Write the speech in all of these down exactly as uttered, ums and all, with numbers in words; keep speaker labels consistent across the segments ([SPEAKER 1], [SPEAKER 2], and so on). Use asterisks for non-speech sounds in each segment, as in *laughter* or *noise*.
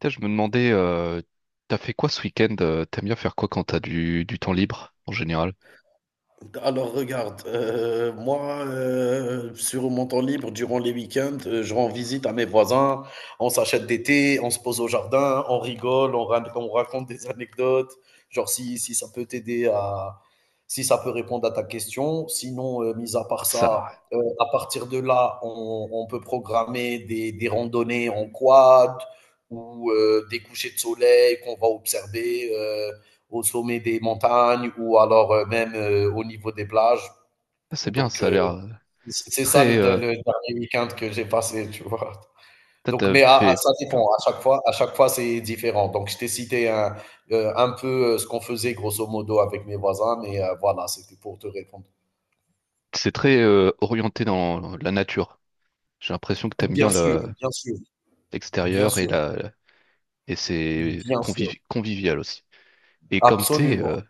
[SPEAKER 1] Putain, je me demandais, euh, t'as fait quoi ce week-end? euh, T'aimes bien faire quoi quand t'as du, du temps libre en général?
[SPEAKER 2] Alors regarde, euh, moi, euh, sur mon temps libre, durant les week-ends, euh, je rends visite à mes voisins, on s'achète des thés, on se pose au jardin, on rigole, on, ra- on raconte des anecdotes, genre si, si ça peut t'aider à, si ça peut répondre à ta question. Sinon, euh, mis à part ça,
[SPEAKER 1] Ça,
[SPEAKER 2] euh, à partir de là, on, on peut programmer des, des randonnées en quad ou euh, des couchers de soleil qu'on va observer, euh, au sommet des montagnes ou alors euh, même euh, au niveau des plages.
[SPEAKER 1] ça, c'est bien,
[SPEAKER 2] Donc,
[SPEAKER 1] ça a
[SPEAKER 2] euh,
[SPEAKER 1] l'air euh,
[SPEAKER 2] c'est ça le,
[SPEAKER 1] très.
[SPEAKER 2] le
[SPEAKER 1] Euh,
[SPEAKER 2] dernier week-end que j'ai passé, *laughs* tu vois.
[SPEAKER 1] t'as-
[SPEAKER 2] Donc,
[SPEAKER 1] t'as-
[SPEAKER 2] mais à, à,
[SPEAKER 1] fait
[SPEAKER 2] ça
[SPEAKER 1] plein.
[SPEAKER 2] dépend. À chaque fois, à chaque fois, c'est différent. Donc, je t'ai cité un, euh, un peu euh, ce qu'on faisait grosso modo avec mes voisins, mais euh, voilà, c'était pour te répondre.
[SPEAKER 1] C'est très euh, orienté dans la nature. J'ai l'impression que t'aimes
[SPEAKER 2] Bien
[SPEAKER 1] bien
[SPEAKER 2] sûr,
[SPEAKER 1] le-
[SPEAKER 2] bien sûr, bien
[SPEAKER 1] l'extérieur et
[SPEAKER 2] sûr,
[SPEAKER 1] la et c'est
[SPEAKER 2] bien sûr,
[SPEAKER 1] convivi- convivial aussi. Et comme t'es
[SPEAKER 2] absolument.
[SPEAKER 1] euh,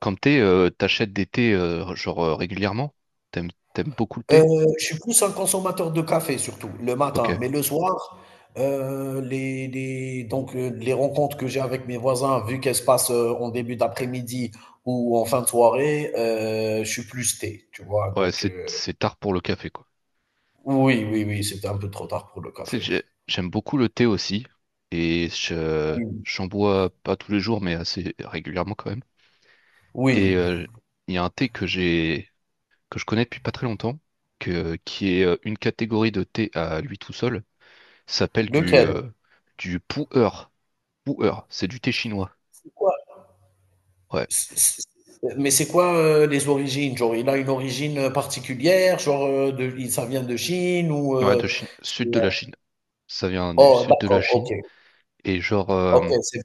[SPEAKER 1] Comme thé, euh, t'achètes des thés euh, genre euh, régulièrement? T'aimes t'aimes beaucoup le thé?
[SPEAKER 2] Heu, je suis plus un consommateur de café surtout, le matin,
[SPEAKER 1] Ok.
[SPEAKER 2] mais le soir, heu, les les donc heu, les rencontres que j'ai avec mes voisins, vu qu'elles se passent, heu, en début d'après-midi ou en fin de soirée, heu, je suis plus thé, tu vois?
[SPEAKER 1] Ouais,
[SPEAKER 2] Donc,
[SPEAKER 1] c'est
[SPEAKER 2] heu,
[SPEAKER 1] c'est tard pour le café quoi.
[SPEAKER 2] oui, oui, oui, c'était un peu trop tard pour le
[SPEAKER 1] Tu sais,
[SPEAKER 2] café.
[SPEAKER 1] j'ai- j'aime beaucoup le thé aussi et je
[SPEAKER 2] Oui,
[SPEAKER 1] j'en bois pas tous les jours mais assez régulièrement quand même. Et
[SPEAKER 2] oui.
[SPEAKER 1] euh, il y a un thé que j'ai que je connais depuis pas très longtemps que qui est euh, une catégorie de thé à lui tout seul. Ça s'appelle du
[SPEAKER 2] Lequel?
[SPEAKER 1] euh, du pu'er. Pu'er, c'est du thé chinois.
[SPEAKER 2] C'est quoi?
[SPEAKER 1] Ouais,
[SPEAKER 2] C c Mais c'est quoi, heu, les origines? Genre, il a une origine, heu, particulière? Genre, heu, de i ça vient de Chine ou
[SPEAKER 1] ouais,
[SPEAKER 2] heu,
[SPEAKER 1] de Chine,
[SPEAKER 2] c'est,
[SPEAKER 1] sud de la
[SPEAKER 2] heu
[SPEAKER 1] Chine. Ça vient du
[SPEAKER 2] oh
[SPEAKER 1] sud de la
[SPEAKER 2] d'accord,
[SPEAKER 1] Chine.
[SPEAKER 2] OK,
[SPEAKER 1] Et genre, euh,
[SPEAKER 2] OK, c'est.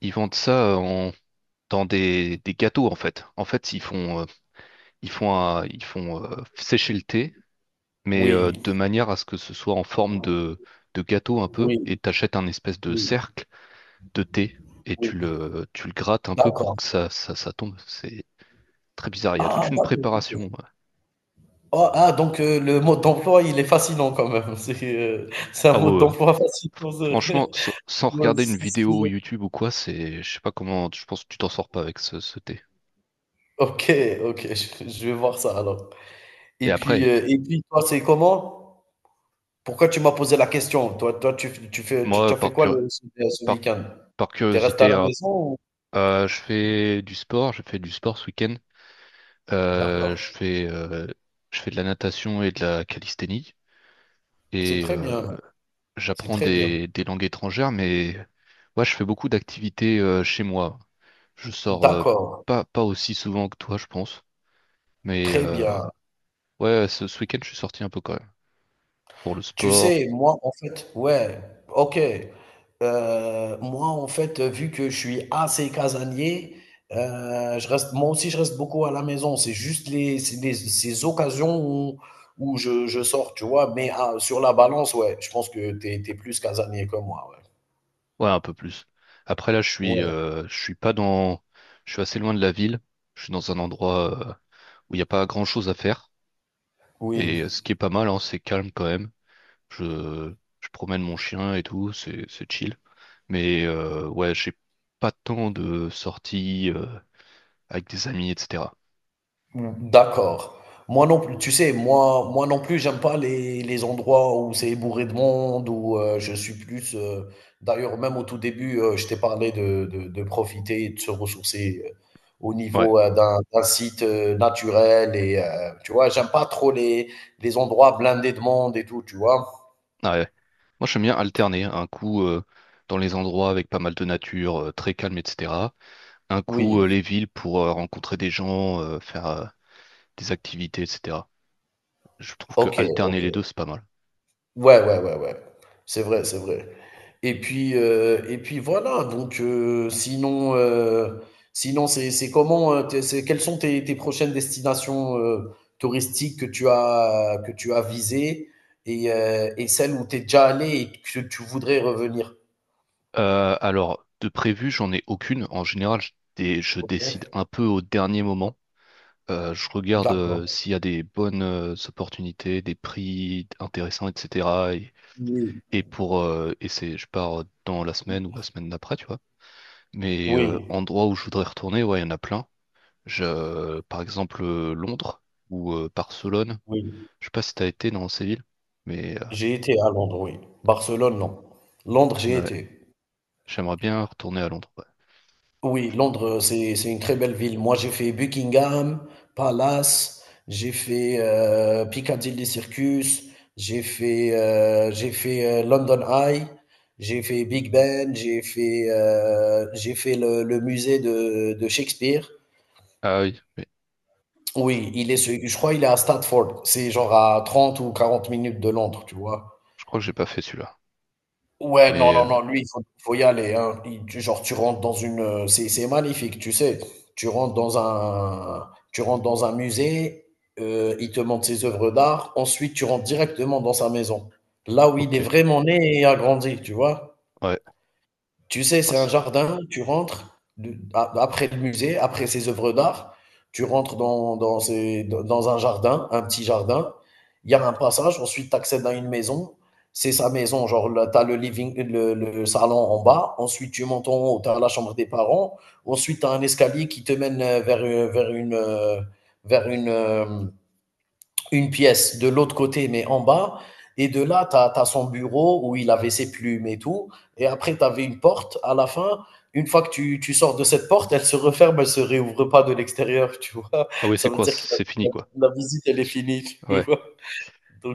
[SPEAKER 1] ils vendent ça euh, en- dans des, des gâteaux en fait. En fait, ils font, euh, ils font, un- ils font euh, sécher le thé, mais euh,
[SPEAKER 2] Oui,
[SPEAKER 1] de manière à ce que ce soit en forme de, de gâteau un peu. Et
[SPEAKER 2] oui,
[SPEAKER 1] t'achètes un espèce de
[SPEAKER 2] oui,
[SPEAKER 1] cercle de thé et tu
[SPEAKER 2] oui.
[SPEAKER 1] le, tu le grattes un peu pour
[SPEAKER 2] D'accord.
[SPEAKER 1] que ça, ça, ça tombe. C'est très bizarre. Il y a
[SPEAKER 2] Ah
[SPEAKER 1] toute une
[SPEAKER 2] d'accord,
[SPEAKER 1] préparation.
[SPEAKER 2] OK. Oh, ah donc heu, le mode d'emploi, il est fascinant quand même. *laughs* C'est, heu, c'est un
[SPEAKER 1] Ah
[SPEAKER 2] mode
[SPEAKER 1] ouais, ouais.
[SPEAKER 2] d'emploi fascinant ce
[SPEAKER 1] Franchement, sans sans
[SPEAKER 2] *laughs* ouais,
[SPEAKER 1] regarder une
[SPEAKER 2] c'est
[SPEAKER 1] vidéo
[SPEAKER 2] stylé.
[SPEAKER 1] YouTube ou quoi, c'est, je sais pas comment, je pense que tu t'en sors pas avec ce, ce thé.
[SPEAKER 2] OK, OK, je je vais voir ça alors.
[SPEAKER 1] Et
[SPEAKER 2] Et puis,
[SPEAKER 1] après,
[SPEAKER 2] heu et puis toi, c'est comment? Pourquoi tu m'as posé la question? Toi toi, tu tu fais tu tu as
[SPEAKER 1] moi,
[SPEAKER 2] fait
[SPEAKER 1] par,
[SPEAKER 2] quoi
[SPEAKER 1] cur-
[SPEAKER 2] le ce ce
[SPEAKER 1] par
[SPEAKER 2] week-end?
[SPEAKER 1] par
[SPEAKER 2] Tu es resté à
[SPEAKER 1] curiosité,
[SPEAKER 2] la
[SPEAKER 1] hein,
[SPEAKER 2] maison ou?
[SPEAKER 1] euh, je fais du sport, je fais du sport ce week-end. Euh, je
[SPEAKER 2] D'accord.
[SPEAKER 1] fais, euh, je fais de la natation et de la calisthénie
[SPEAKER 2] C'est
[SPEAKER 1] et
[SPEAKER 2] très
[SPEAKER 1] euh,
[SPEAKER 2] bien, c'est
[SPEAKER 1] j'apprends
[SPEAKER 2] très bien.
[SPEAKER 1] des, des langues étrangères, mais ouais, je fais beaucoup d'activités euh, chez moi. Je sors euh,
[SPEAKER 2] D'accord,
[SPEAKER 1] pas, pas aussi souvent que toi, je pense, mais
[SPEAKER 2] très
[SPEAKER 1] euh,
[SPEAKER 2] bien.
[SPEAKER 1] ouais, ce, ce week-end, je suis sorti un peu quand même pour le
[SPEAKER 2] Tu
[SPEAKER 1] sport,
[SPEAKER 2] sais, moi, en fait ouais, OK. Heu, moi, en fait, vu que je suis assez casanier, heu, je reste moi aussi, je reste beaucoup à la maison. C'est juste les c'est les ces occasions où où je je sors, tu vois? Mais ah, sur la balance, ouais, je pense que tu es tu es plus casanier que moi, ouais.
[SPEAKER 1] ouais, un peu plus. Après là, je suis,
[SPEAKER 2] Ouais,
[SPEAKER 1] euh, je suis pas dans, je suis assez loin de la ville. Je suis dans un endroit euh, où il n'y a pas grand-chose à faire.
[SPEAKER 2] oui.
[SPEAKER 1] Et euh, ce qui est pas mal, hein, c'est calme quand même. Je, je promène mon chien et tout, c'est c'est chill. Mais euh, ouais, j'ai pas tant de sorties euh, avec des amis, et cetera.
[SPEAKER 2] Ouais. D'accord. Moi non plus, tu sais, moi, moi non plus, j'aime pas les, les endroits où c'est bourré de monde, où euh, je suis plus. Euh, d'ailleurs, même au tout début, euh, je t'ai parlé de, de, de profiter et de se ressourcer euh, au
[SPEAKER 1] Ouais,
[SPEAKER 2] niveau euh, d'un, d'un site euh, naturel. Et euh, tu vois, j'aime pas trop les, les endroits blindés de monde et tout, tu vois.
[SPEAKER 1] ah ouais. Moi, j'aime bien alterner un coup euh, dans les endroits avec pas mal de nature, euh, très calme, et cetera, un coup
[SPEAKER 2] Oui,
[SPEAKER 1] euh, les villes pour euh, rencontrer des gens, euh, faire euh, des activités, et cetera. Je trouve que
[SPEAKER 2] ok,
[SPEAKER 1] alterner les
[SPEAKER 2] ok.
[SPEAKER 1] deux, c'est pas mal.
[SPEAKER 2] Ouais, ouais, ouais, ouais. C'est vrai, c'est vrai. Et puis, euh, et puis voilà. Donc, euh, sinon, euh, sinon, c'est c'est comment, euh, t'es- c'est quelles sont tes, tes prochaines destinations euh, touristiques que tu as que tu as visées et, euh, et celles où tu es déjà allé et que tu voudrais revenir.
[SPEAKER 1] Euh, alors, de prévu, j'en ai aucune. En général, je, dé- je décide un peu au dernier moment. Euh, je regarde
[SPEAKER 2] D'accord.
[SPEAKER 1] euh, s'il y a des bonnes euh, opportunités, des prix intéressants, et cetera.
[SPEAKER 2] Oui.
[SPEAKER 1] Et pour euh, et c'est Je pars dans la semaine ou la semaine d'après, tu vois. Mais euh,
[SPEAKER 2] Oui,
[SPEAKER 1] endroits où je voudrais retourner, ouais, il y en a plein. Je, euh, par exemple euh, Londres ou euh, Barcelone.
[SPEAKER 2] oui.
[SPEAKER 1] Je sais pas si t'as été dans ces villes, mais
[SPEAKER 2] J'ai été à Londres, oui. Barcelone, non. Londres, j'ai
[SPEAKER 1] euh, ouais,
[SPEAKER 2] été.
[SPEAKER 1] j'aimerais bien retourner à Londres. Ouais.
[SPEAKER 2] Oui, Londres, c'est c'est une très belle ville. Moi, j'ai fait Buckingham Palace, j'ai fait, heu, Piccadilly Circus, j'ai fait, heu, j'ai fait, heu, London Eye, j'ai fait Big Ben, j'ai fait, heu, j'ai fait le le musée de de Shakespeare.
[SPEAKER 1] Ah oui, oui,
[SPEAKER 2] Oui, il est se je crois il est à Stratford. C'est genre à trente ou quarante minutes de Londres, tu vois?
[SPEAKER 1] je crois que j'ai pas fait celui-là.
[SPEAKER 2] Ouais, non,
[SPEAKER 1] Mais
[SPEAKER 2] non,
[SPEAKER 1] euh,
[SPEAKER 2] non, lui, il faut, faut y aller, hein. Il- tu- genre, tu rentres dans une, euh, C'est, c'est magnifique, tu sais. Tu rentres dans un, tu rentres dans un musée, euh, il te montre ses œuvres d'art. Ensuite, tu rentres directement dans sa maison, là où il
[SPEAKER 1] ok,
[SPEAKER 2] est vraiment né et a grandi, tu vois.
[SPEAKER 1] ouais.
[SPEAKER 2] Tu sais,
[SPEAKER 1] Ah,
[SPEAKER 2] c'est un
[SPEAKER 1] c'est-
[SPEAKER 2] jardin, tu rentres de- a- après le musée, après ces œuvres d'art, tu rentres dans, dans, ces- dans un jardin, un petit jardin, il y a un passage, ensuite tu accèdes à une maison, c'est sa maison, genre tu as le living, le, le salon en bas, ensuite tu montes en haut, tu as la chambre des parents, ensuite tu as un escalier qui te mène euh, vers, euh, vers une, euh, vers une, euh, une pièce de l'autre côté, mais en bas. Et de là, tu as son bureau où il avait ses plumes et tout. Et après, tu avais une porte à la fin. Une fois que tu, tu sors de cette porte, elle se referme, elle ne se réouvre pas de l'extérieur, tu vois.
[SPEAKER 1] ah oui,
[SPEAKER 2] Ça
[SPEAKER 1] c'est
[SPEAKER 2] veut
[SPEAKER 1] quoi?
[SPEAKER 2] dire que
[SPEAKER 1] C'est fini quoi.
[SPEAKER 2] la, la- visite, elle est finie, tu
[SPEAKER 1] Ouais.
[SPEAKER 2] vois.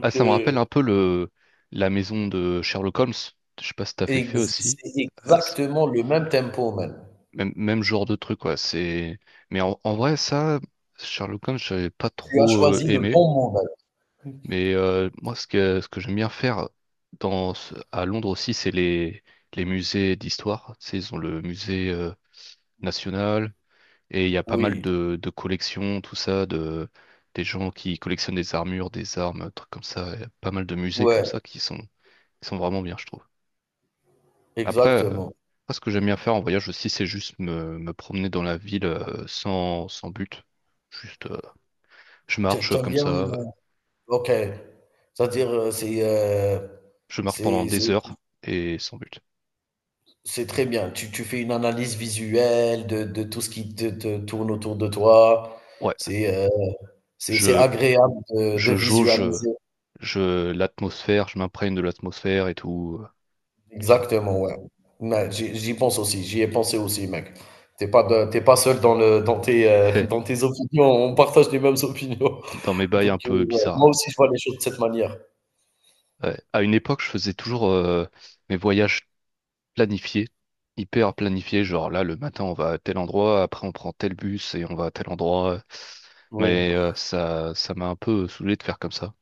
[SPEAKER 1] Ah, ça me rappelle un
[SPEAKER 2] euh,
[SPEAKER 1] peu le la maison de Sherlock Holmes. Je sais pas si t'as fait fait
[SPEAKER 2] ex-
[SPEAKER 1] aussi.
[SPEAKER 2] c'est
[SPEAKER 1] Euh, c'est-
[SPEAKER 2] exactement le même tempo, même.
[SPEAKER 1] Même, même genre de truc, quoi. C'est... Mais en, en vrai, ça, Sherlock Holmes, j'avais pas
[SPEAKER 2] Tu as
[SPEAKER 1] trop euh,
[SPEAKER 2] choisi le
[SPEAKER 1] aimé.
[SPEAKER 2] bon mot, man.
[SPEAKER 1] Mais euh, moi, ce que, ce que j'aime bien faire dans, ce- à Londres aussi, c'est les, les musées d'histoire. Tu sais, ils ont le musée euh, national et il y a pas mal
[SPEAKER 2] Oui,
[SPEAKER 1] de, de collections, tout ça, de des gens qui collectionnent des armures, des armes, trucs comme ça. Il y a pas mal de musées comme
[SPEAKER 2] ouais,
[SPEAKER 1] ça qui sont, qui sont vraiment bien, je trouve. Après, euh,
[SPEAKER 2] exactement.
[SPEAKER 1] moi, ce que j'aime bien faire en voyage aussi, c'est juste me, me promener dans la ville euh, sans, sans but. Juste, euh, je
[SPEAKER 2] Tu
[SPEAKER 1] marche
[SPEAKER 2] aimes
[SPEAKER 1] comme
[SPEAKER 2] bien.
[SPEAKER 1] ça, euh,
[SPEAKER 2] euh, Ok. C'est-à-dire, euh, c'est. euh,
[SPEAKER 1] je marche pendant
[SPEAKER 2] c'est c'est-
[SPEAKER 1] des heures et sans but.
[SPEAKER 2] C'est très bien. Tu, tu fais une analyse visuelle de, de tout ce qui te, te tourne autour de toi.
[SPEAKER 1] Ouais,
[SPEAKER 2] C'est euh, c'est, c'est
[SPEAKER 1] je,
[SPEAKER 2] agréable de, de
[SPEAKER 1] je jauge euh,
[SPEAKER 2] visualiser.
[SPEAKER 1] je, l'atmosphère, je m'imprègne de l'atmosphère et tout, euh, tout ça.
[SPEAKER 2] Exactement, ouais. Ouais, j'y j'y pense aussi. J'y ai pensé aussi, mec. T'es pas, de- t'es pas seul dans, le, dans, tes, euh, dans
[SPEAKER 1] *laughs*
[SPEAKER 2] tes opinions. On partage les mêmes opinions.
[SPEAKER 1] Dans mes
[SPEAKER 2] *laughs*
[SPEAKER 1] bails
[SPEAKER 2] Donc,
[SPEAKER 1] un
[SPEAKER 2] euh,
[SPEAKER 1] peu
[SPEAKER 2] ouais,
[SPEAKER 1] bizarres.
[SPEAKER 2] moi aussi, je vois les choses de cette manière.
[SPEAKER 1] Ouais. À une époque, je faisais toujours euh, mes voyages planifié, hyper planifié, genre là le matin on va à tel endroit, après on prend tel bus et on va à tel endroit.
[SPEAKER 2] Oui,
[SPEAKER 1] Mais euh, ça ça m'a un peu saoulé de faire comme ça.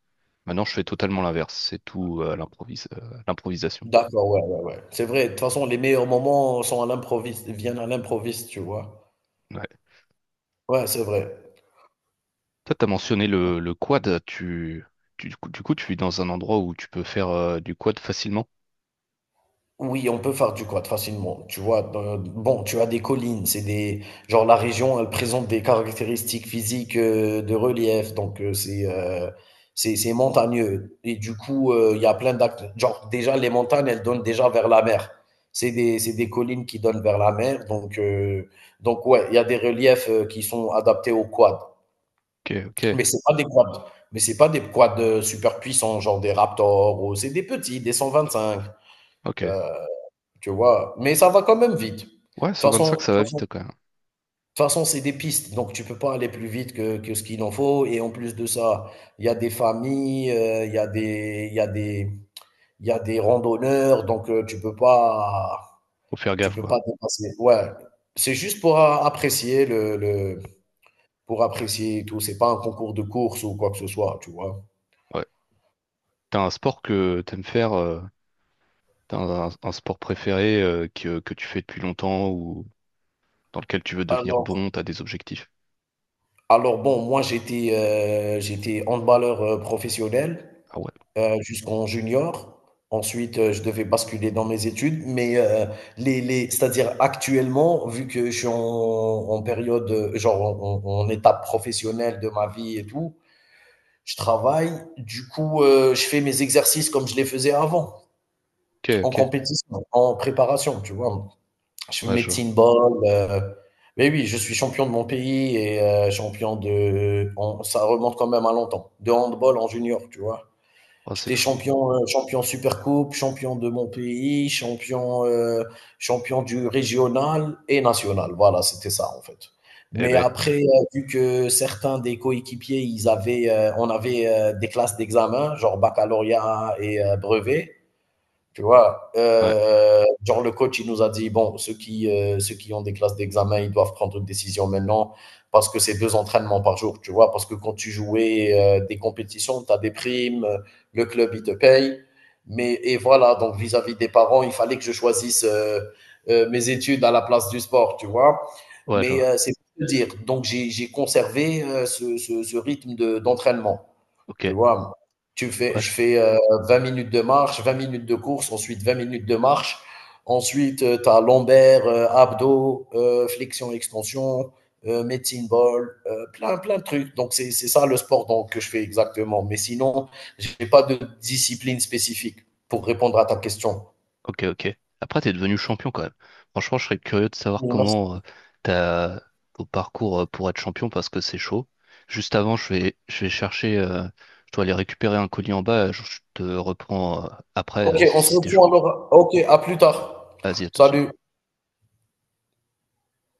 [SPEAKER 1] Maintenant je fais totalement l'inverse, c'est tout euh, à l'improvise, euh, à l'improvisation.
[SPEAKER 2] d'accord, ouais, ouais, ouais. C'est vrai, de toute façon, les meilleurs moments sont à l'improviste, viennent à l'improviste, tu vois.
[SPEAKER 1] Ouais.
[SPEAKER 2] Ouais, c'est vrai.
[SPEAKER 1] Toi t'as mentionné le, le quad, tu, tu- du coup, du coup, tu es dans un endroit où tu peux faire euh, du quad facilement.
[SPEAKER 2] Oui, on peut faire du quad facilement. Tu vois, dans- bon, tu as des collines, c'est des, genre la région, elle présente des caractéristiques physiques euh, de relief, donc euh, c'est euh, c'est c'est montagneux. Et du coup, euh, il y a plein d'actes. Genre déjà les montagnes, elles donnent déjà vers la mer. C'est des c'est des collines qui donnent vers la mer, donc euh, donc ouais, il y a des reliefs euh, qui sont adaptés au quad.
[SPEAKER 1] Ok, ok,
[SPEAKER 2] Mais c'est pas des quads, mais c'est pas des quads euh, super puissants, genre des Raptors, ou c'est des petits, des cent vingt-cinq.
[SPEAKER 1] ok.
[SPEAKER 2] euh, Tu vois? Mais ça va quand même vite. De toute
[SPEAKER 1] Ouais,
[SPEAKER 2] façon
[SPEAKER 1] cent vingt-cinq
[SPEAKER 2] de
[SPEAKER 1] ça
[SPEAKER 2] toute
[SPEAKER 1] va
[SPEAKER 2] façon de
[SPEAKER 1] vite quand même.
[SPEAKER 2] toute façon, c'est des pistes, donc tu peux pas aller plus vite que que ce qu'il en faut et en plus de ça, il y a des familles, heu, il y a des il y a des il y a des randonneurs, donc heu, tu peux pas
[SPEAKER 1] Faut faire
[SPEAKER 2] tu
[SPEAKER 1] gaffe
[SPEAKER 2] peux pas
[SPEAKER 1] quoi.
[SPEAKER 2] dépasser ouais. C'est juste pour a apprécier le le pour apprécier et tout, c'est pas un concours de course ou quoi que ce soit, tu vois?
[SPEAKER 1] Ouais. T'as un sport que t'aimes faire, euh, t'as un, un sport préféré euh, que, que tu fais depuis longtemps ou dans lequel tu veux devenir
[SPEAKER 2] Alors
[SPEAKER 1] bon, t'as des objectifs.
[SPEAKER 2] alors bon, moi j'étais, heu, j'étais handballeur, heu, professionnel.
[SPEAKER 1] Ah ouais,
[SPEAKER 2] Heu, jusqu'en junior. Ensuite, heu, je devais basculer dans mes études, mais, heu, les les c'est-à-dire actuellement, vu que je suis en en période, heu, genre en en en étape professionnelle de ma vie et tout, je travaille. Du coup, heu, je fais mes exercices comme je les faisais avant,
[SPEAKER 1] ok,
[SPEAKER 2] en
[SPEAKER 1] ok,
[SPEAKER 2] compétition, en préparation, tu vois? Je fais
[SPEAKER 1] ouais,
[SPEAKER 2] mes
[SPEAKER 1] je vois.
[SPEAKER 2] teen ball, heu mais oui, je suis champion de mon pays et heu, champion de en ça remonte quand même à longtemps, de handball en junior, tu vois?
[SPEAKER 1] Oh, c'est
[SPEAKER 2] J'étais
[SPEAKER 1] fou.
[SPEAKER 2] champion, heu, champion Supercoupe, champion de mon pays, champion, heu, champion du régional et national. Voilà, c'était ça, en fait.
[SPEAKER 1] Eh
[SPEAKER 2] Mais
[SPEAKER 1] ben,
[SPEAKER 2] après, heu, vu que certains des coéquipiers, ils avaient, heu, on avait, heu, des classes d'examen, genre baccalauréat et heu, brevet. Tu vois,
[SPEAKER 1] ouais,
[SPEAKER 2] euh, genre le coach, il nous a dit, bon, ceux qui, euh, ceux qui ont des classes d'examen, ils doivent prendre une décision maintenant parce que c'est deux entraînements par jour, tu vois, parce que quand tu jouais euh, des compétitions, tu as des primes, euh, le club, il te paye. Mais, et voilà, donc vis-à-vis des parents, il fallait que je choisisse euh, euh, mes études à la place du sport, tu vois.
[SPEAKER 1] ouais, je
[SPEAKER 2] Mais
[SPEAKER 1] vois.
[SPEAKER 2] euh, c'est pour te dire, donc j'ai j'ai conservé euh, ce, ce- ce rythme de- d'entraînement.
[SPEAKER 1] Ok,
[SPEAKER 2] Tu vois, tu fais, je
[SPEAKER 1] wesh,
[SPEAKER 2] fais euh, vingt minutes de marche, vingt minutes de course, ensuite vingt minutes de marche. Ensuite, tu as lombaire, euh, abdos, euh, flexion, extension, euh, medicine ball, euh, plein, plein de trucs. Donc, c'est c'est ça le sport donc, que je fais exactement. Mais sinon, je n'ai pas de discipline spécifique pour répondre à ta question.
[SPEAKER 1] ok, ok. Après, t'es devenu champion quand même. Franchement, je serais curieux de savoir
[SPEAKER 2] Oui,
[SPEAKER 1] comment euh, t'as ton parcours euh, pour être champion parce que c'est chaud. Juste avant, je vais, je vais chercher, euh, je dois aller récupérer un colis en bas, je je te reprends euh, après euh,
[SPEAKER 2] Ok,
[SPEAKER 1] si
[SPEAKER 2] on se
[SPEAKER 1] si t'es
[SPEAKER 2] reprend
[SPEAKER 1] chaud.
[SPEAKER 2] alors. Ok, à plus
[SPEAKER 1] Ouais.
[SPEAKER 2] tard.
[SPEAKER 1] Vas-y, à tout de suite.
[SPEAKER 2] Salut.